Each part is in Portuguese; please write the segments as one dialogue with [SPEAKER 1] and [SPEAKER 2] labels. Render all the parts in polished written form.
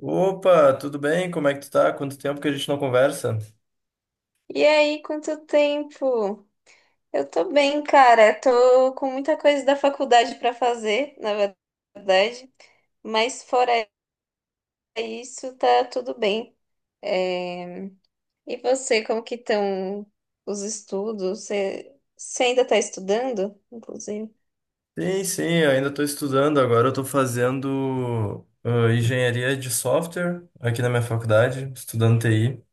[SPEAKER 1] Opa, tudo bem? Como é que tu tá? Quanto tempo que a gente não conversa?
[SPEAKER 2] E aí, quanto tempo? Eu tô bem, cara. Tô com muita coisa da faculdade pra fazer, na verdade. Mas fora isso, tá tudo bem. É, E você, como que estão os estudos? Você ainda tá estudando, inclusive?
[SPEAKER 1] Sim, sim, eu ainda estou estudando. Agora eu estou fazendo engenharia de software aqui na minha faculdade, estudando TI.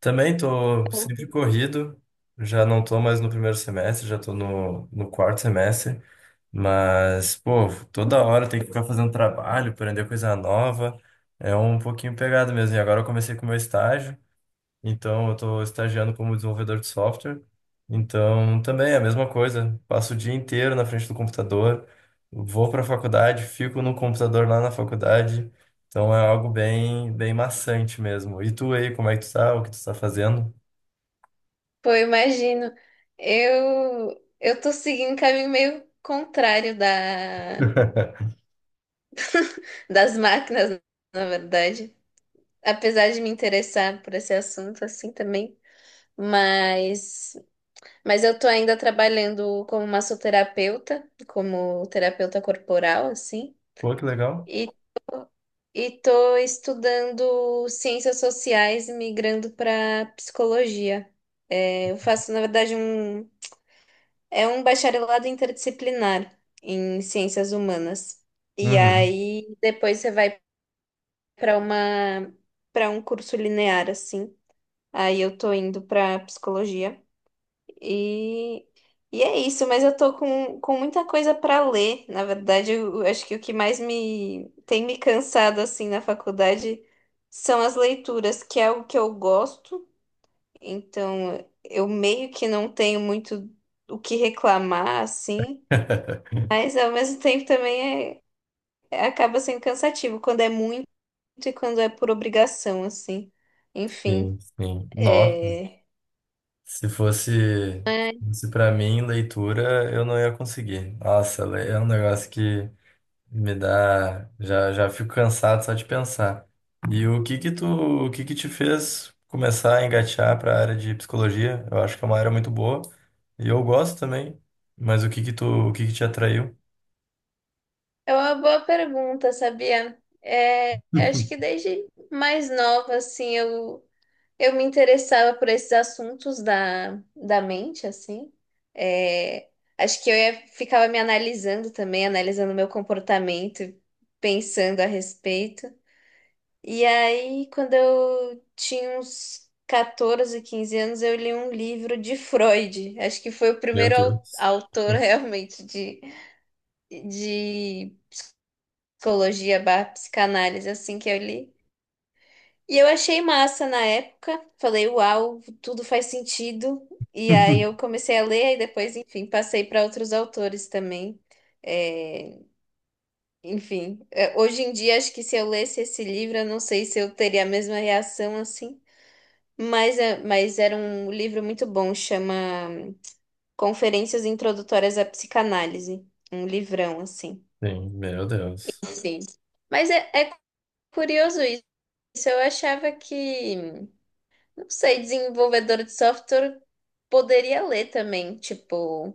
[SPEAKER 1] Também estou sempre corrido, já não estou mais no primeiro semestre, já estou no quarto semestre. Mas, pô, toda hora tem que ficar fazendo trabalho, aprender coisa nova. É um pouquinho pegado mesmo. E agora eu comecei com o meu estágio. Então, eu estou estagiando como desenvolvedor de software. Então, também é a mesma coisa. Passo o dia inteiro na frente do computador, vou para a faculdade, fico no computador lá na faculdade. Então, é algo bem, bem maçante mesmo. E tu aí, como é que tu tá? O que tu tá fazendo?
[SPEAKER 2] Pô, eu imagino. Eu tô seguindo um caminho meio contrário da... das máquinas, na verdade. Apesar de me interessar por esse assunto assim também, mas mas eu tô ainda trabalhando como massoterapeuta, como terapeuta corporal assim,
[SPEAKER 1] Pô, que legal.
[SPEAKER 2] e e tô estudando ciências sociais e migrando para psicologia. É, eu faço, na verdade, é um bacharelado interdisciplinar em ciências humanas. E
[SPEAKER 1] Uhum.
[SPEAKER 2] aí depois você vai para uma para um curso linear assim. Aí eu tô indo pra psicologia e, e é isso, mas eu tô com muita coisa pra ler. Na verdade, eu acho que o que mais me tem me cansado assim na faculdade são as leituras, que é o que eu gosto. Então, eu meio que não tenho muito o que reclamar assim, mas ao mesmo tempo também acaba sendo cansativo quando é muito e quando é por obrigação assim. Enfim,
[SPEAKER 1] Sim, sim. Nossa,
[SPEAKER 2] é...
[SPEAKER 1] se fosse, se para mim leitura, eu não ia conseguir. Nossa, é um negócio que me dá, já já fico cansado só de pensar. E o o que que te fez começar a engatear para a área de psicologia? Eu acho que é uma área muito boa e eu gosto também. Mas o o que que te atraiu?
[SPEAKER 2] É uma boa pergunta, sabia? Acho que desde mais nova, assim, eu me interessava por esses assuntos da mente, assim. É, acho que ficava me analisando também, analisando meu comportamento, pensando a respeito. E aí, quando eu tinha uns 14, 15 anos, eu li um livro de Freud. Acho que foi o
[SPEAKER 1] Meu
[SPEAKER 2] primeiro
[SPEAKER 1] Deus.
[SPEAKER 2] autor realmente de psicologia barra psicanálise, assim que eu li. E eu achei massa na época, falei, uau, tudo faz sentido. E aí eu comecei a ler e depois, enfim, passei para outros autores também. É, Hoje em dia acho que se eu lesse esse livro, eu não sei se eu teria a mesma reação assim, mas era um livro muito bom, chama Conferências Introdutórias à Psicanálise, um livrão assim.
[SPEAKER 1] Sim, meu Deus.
[SPEAKER 2] Sim. Mas é curioso. Isso eu achava que, não sei, desenvolvedor de software poderia ler também, tipo,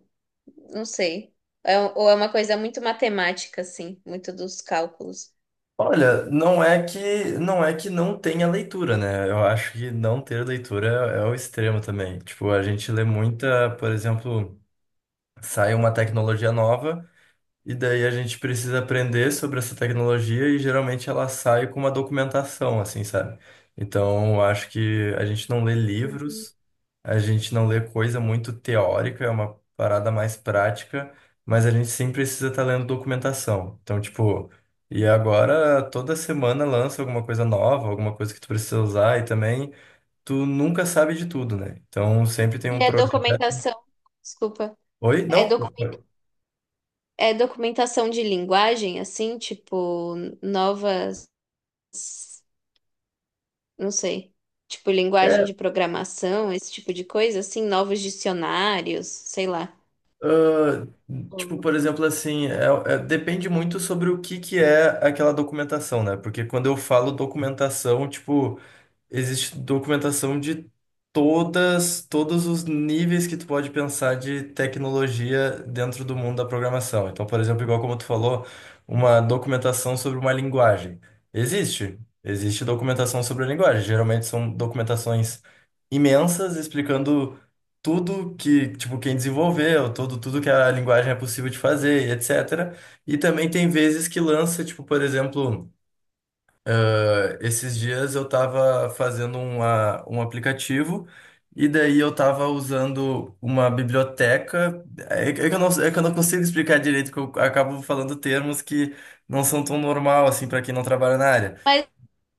[SPEAKER 2] não sei. Ou é uma coisa muito matemática, assim, muito dos cálculos.
[SPEAKER 1] Olha, não é que não tenha leitura, né? Eu acho que não ter leitura é o extremo também. Tipo, a gente lê muita, por exemplo, sai uma tecnologia nova. E daí a gente precisa aprender sobre essa tecnologia e geralmente ela sai com uma documentação, assim, sabe? Então, eu acho que a gente não lê
[SPEAKER 2] Uhum.
[SPEAKER 1] livros, a gente não lê coisa muito teórica, é uma parada mais prática, mas a gente sim precisa estar lendo documentação. Então, tipo, e agora toda semana lança alguma coisa nova, alguma coisa que tu precisa usar e também tu nunca sabe de tudo, né? Então, sempre tem
[SPEAKER 2] E
[SPEAKER 1] um
[SPEAKER 2] é
[SPEAKER 1] projeto.
[SPEAKER 2] documentação, desculpa,
[SPEAKER 1] Oi?
[SPEAKER 2] é,
[SPEAKER 1] Não?
[SPEAKER 2] docu- é documentação de linguagem, assim, tipo, novas, não sei, tipo, linguagem de programação, esse tipo de coisa, assim, novos dicionários, sei lá.
[SPEAKER 1] Ah, tipo,
[SPEAKER 2] Hum.
[SPEAKER 1] por exemplo, assim, depende muito sobre o que que é aquela documentação, né? Porque quando eu falo documentação, tipo. Existe documentação de todos os níveis que tu pode pensar de tecnologia dentro do mundo da programação. Então, por exemplo, igual como tu falou, uma documentação sobre uma linguagem. Existe. Existe documentação sobre a linguagem. Geralmente são documentações imensas explicando tudo que, tipo, quem desenvolveu, tudo que a linguagem é possível de fazer, etc. E também tem vezes que lança, tipo, por exemplo. Ah, esses dias eu estava fazendo um aplicativo e daí eu estava usando uma biblioteca. É que eu não consigo explicar direito, que eu acabo falando termos que não são tão normal assim para quem não trabalha na área.
[SPEAKER 2] Mas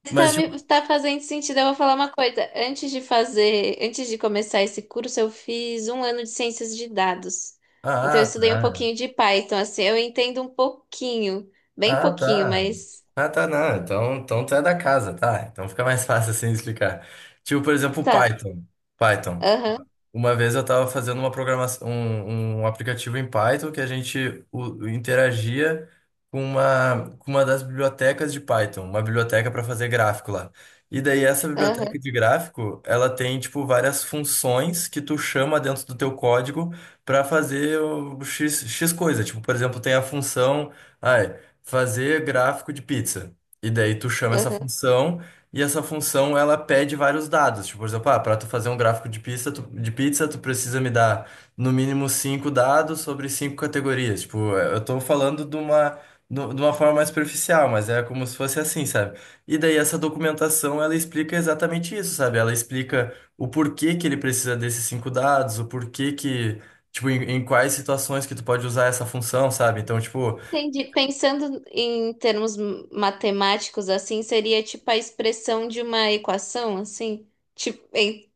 [SPEAKER 2] está
[SPEAKER 1] Mas tipo,
[SPEAKER 2] me tá fazendo sentido. Eu vou falar uma coisa. Antes de começar esse curso, eu fiz um ano de ciências de dados. Então
[SPEAKER 1] ah,
[SPEAKER 2] eu
[SPEAKER 1] ah,
[SPEAKER 2] estudei um
[SPEAKER 1] tá.
[SPEAKER 2] pouquinho de Python, assim, eu entendo um pouquinho, bem
[SPEAKER 1] Ah,
[SPEAKER 2] pouquinho,
[SPEAKER 1] tá.
[SPEAKER 2] mas
[SPEAKER 1] Ah, tá, não. Então, então tu é da casa, tá? Então fica mais fácil assim explicar. Tipo, por exemplo,
[SPEAKER 2] tá.
[SPEAKER 1] Python. Python.
[SPEAKER 2] Aham,
[SPEAKER 1] Uma vez eu estava fazendo uma programação, um aplicativo em Python que a gente interagia com com uma das bibliotecas de Python, uma biblioteca para fazer gráfico lá. E daí essa biblioteca
[SPEAKER 2] aham,
[SPEAKER 1] de gráfico, ela tem tipo várias funções que tu chama dentro do teu código para fazer o X coisa. Tipo, por exemplo, tem a função, ai, fazer gráfico de pizza. E daí tu chama essa
[SPEAKER 2] aham.
[SPEAKER 1] função e essa função, ela pede vários dados. Tipo, por exemplo, ah, para tu fazer um gráfico de pizza, tu precisa me dar no mínimo cinco dados sobre cinco categorias. Tipo, eu tô falando de uma, no- de uma forma mais superficial, mas é como se fosse assim, sabe? E daí essa documentação, ela explica exatamente isso, sabe? Ela explica o porquê que ele precisa desses cinco dados, o porquê que, tipo, em quais situações que tu pode usar essa função, sabe? Então, tipo,
[SPEAKER 2] Entendi. Pensando em termos matemáticos, assim, seria tipo a expressão de uma equação, assim, tipo, em-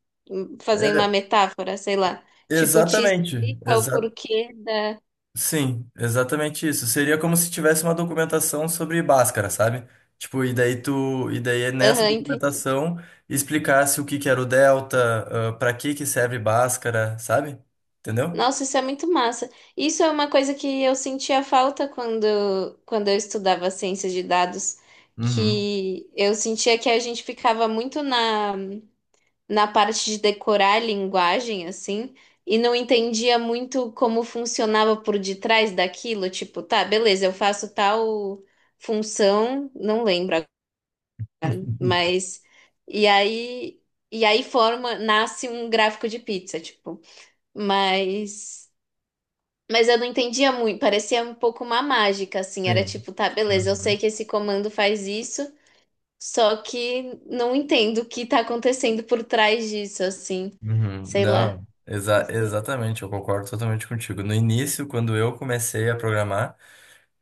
[SPEAKER 2] fazer uma
[SPEAKER 1] é,
[SPEAKER 2] metáfora, sei lá. Tipo, te
[SPEAKER 1] exatamente,
[SPEAKER 2] explica o porquê da.
[SPEAKER 1] sim, exatamente isso. Seria como se tivesse uma documentação sobre Bhaskara, sabe? Tipo, e daí é nessa
[SPEAKER 2] Aham, entendi.
[SPEAKER 1] documentação explicasse o que que era o delta, ah, pra que que serve Bhaskara, sabe? Entendeu?
[SPEAKER 2] Nossa, isso é muito massa. Isso é uma coisa que eu sentia falta quando eu estudava ciência de dados,
[SPEAKER 1] Uhum.
[SPEAKER 2] que eu sentia que a gente ficava muito na parte de decorar a linguagem, assim, e não entendia muito como funcionava por detrás daquilo. Tipo, tá, beleza, eu faço tal função, não lembro, agora, mas. E aí, e aí forma, nasce um gráfico de pizza, tipo. Mas. Mas eu não entendia muito, parecia um pouco uma mágica, assim. Era
[SPEAKER 1] Sim.
[SPEAKER 2] tipo, tá, beleza, eu sei
[SPEAKER 1] Uhum.
[SPEAKER 2] que esse comando faz isso, só que não entendo o que tá acontecendo por trás disso, assim.
[SPEAKER 1] Uhum.
[SPEAKER 2] Sei lá.
[SPEAKER 1] Não,
[SPEAKER 2] Isso,
[SPEAKER 1] exatamente, eu concordo totalmente contigo. No início, quando eu comecei a programar,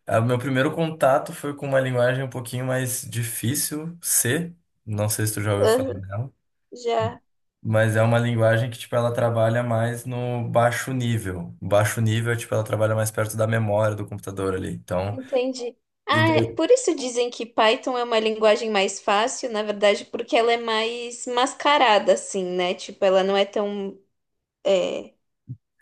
[SPEAKER 1] ah, o meu primeiro contato foi com uma linguagem um pouquinho mais difícil, C. Não sei se tu já ouviu falar
[SPEAKER 2] aham,
[SPEAKER 1] dela.
[SPEAKER 2] já
[SPEAKER 1] Mas é uma linguagem que, tipo, ela trabalha mais no baixo nível. Baixo nível, é, tipo, ela trabalha mais perto da memória do computador ali. Então,
[SPEAKER 2] entendi.
[SPEAKER 1] e
[SPEAKER 2] Ah,
[SPEAKER 1] daí...
[SPEAKER 2] por isso dizem que Python é uma linguagem mais fácil, na verdade, porque ela é mais mascarada, assim, né? Tipo, ela não é tão, é,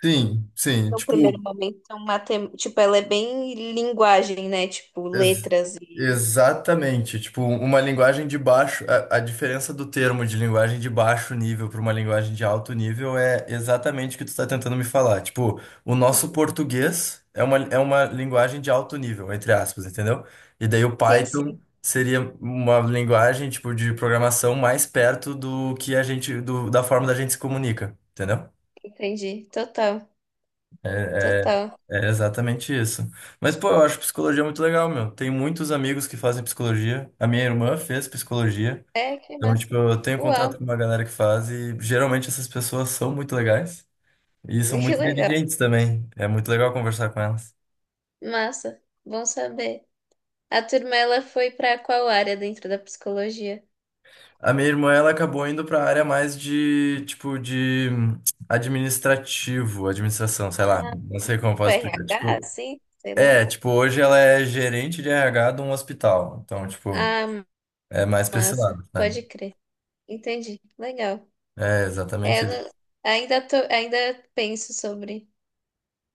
[SPEAKER 1] Sim, sim.
[SPEAKER 2] no primeiro
[SPEAKER 1] Tipo,
[SPEAKER 2] momento, tão matem... Tipo, ela é bem linguagem, né? Tipo,
[SPEAKER 1] Ex-
[SPEAKER 2] letras.
[SPEAKER 1] exatamente. Tipo, uma linguagem de baixo. A diferença do termo de linguagem de baixo nível para uma linguagem de alto nível é exatamente o que tu está tentando me falar. Tipo, o nosso português é é uma linguagem de alto nível, entre aspas, entendeu? E daí o
[SPEAKER 2] Sim, sim.
[SPEAKER 1] Python seria uma linguagem, tipo, de programação mais perto do que a gente, da forma da gente se comunica, entendeu?
[SPEAKER 2] Entendi. Total, total.
[SPEAKER 1] É exatamente isso. Mas, pô, eu acho psicologia muito legal, meu. Tem muitos amigos que fazem psicologia. A minha irmã fez psicologia.
[SPEAKER 2] É, que
[SPEAKER 1] Então, tipo,
[SPEAKER 2] massa.
[SPEAKER 1] eu tenho
[SPEAKER 2] Uau,
[SPEAKER 1] contato com uma galera que faz e geralmente essas pessoas são muito legais e são
[SPEAKER 2] que
[SPEAKER 1] muito
[SPEAKER 2] legal.
[SPEAKER 1] inteligentes também. É muito legal conversar com elas.
[SPEAKER 2] Massa. Bom saber. A turma, ela foi para qual área dentro da psicologia?
[SPEAKER 1] A minha irmã, ela acabou indo para a área mais de, tipo, de administrativo, administração, sei lá.
[SPEAKER 2] Ah,
[SPEAKER 1] Não sei como eu
[SPEAKER 2] tipo
[SPEAKER 1] posso explicar.
[SPEAKER 2] RH,
[SPEAKER 1] Tipo,
[SPEAKER 2] assim? Sei lá.
[SPEAKER 1] é, tipo, hoje ela é gerente de RH de um hospital. Então, tipo,
[SPEAKER 2] Ah,
[SPEAKER 1] é mais pra esse
[SPEAKER 2] massa.
[SPEAKER 1] lado, sabe?
[SPEAKER 2] Pode crer. Entendi. Legal.
[SPEAKER 1] É
[SPEAKER 2] É,
[SPEAKER 1] exatamente
[SPEAKER 2] eu
[SPEAKER 1] isso.
[SPEAKER 2] não- ainda tô, ainda penso sobre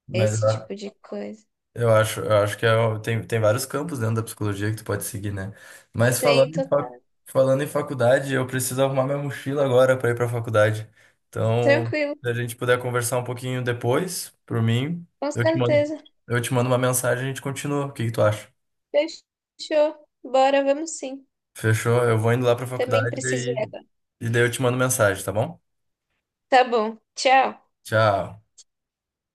[SPEAKER 1] Mas
[SPEAKER 2] esse tipo de coisa.
[SPEAKER 1] eu eu acho que é tem vários campos dentro da psicologia que tu pode seguir, né? Mas
[SPEAKER 2] Sim,
[SPEAKER 1] falando
[SPEAKER 2] total.
[SPEAKER 1] falando em faculdade, eu preciso arrumar minha mochila agora para ir para a faculdade. Então,
[SPEAKER 2] Tranquilo,
[SPEAKER 1] se a gente puder conversar um pouquinho depois, por mim,
[SPEAKER 2] com
[SPEAKER 1] eu te mando,
[SPEAKER 2] certeza.
[SPEAKER 1] eu te mando uma mensagem e a gente continua. O que que tu acha?
[SPEAKER 2] Fechou. Bora, vamos sim.
[SPEAKER 1] Fechou? Eu vou indo lá para a
[SPEAKER 2] Também
[SPEAKER 1] faculdade
[SPEAKER 2] preciso ir agora.
[SPEAKER 1] e daí eu te mando mensagem, tá bom?
[SPEAKER 2] Tá bom. Tchau.
[SPEAKER 1] Tchau.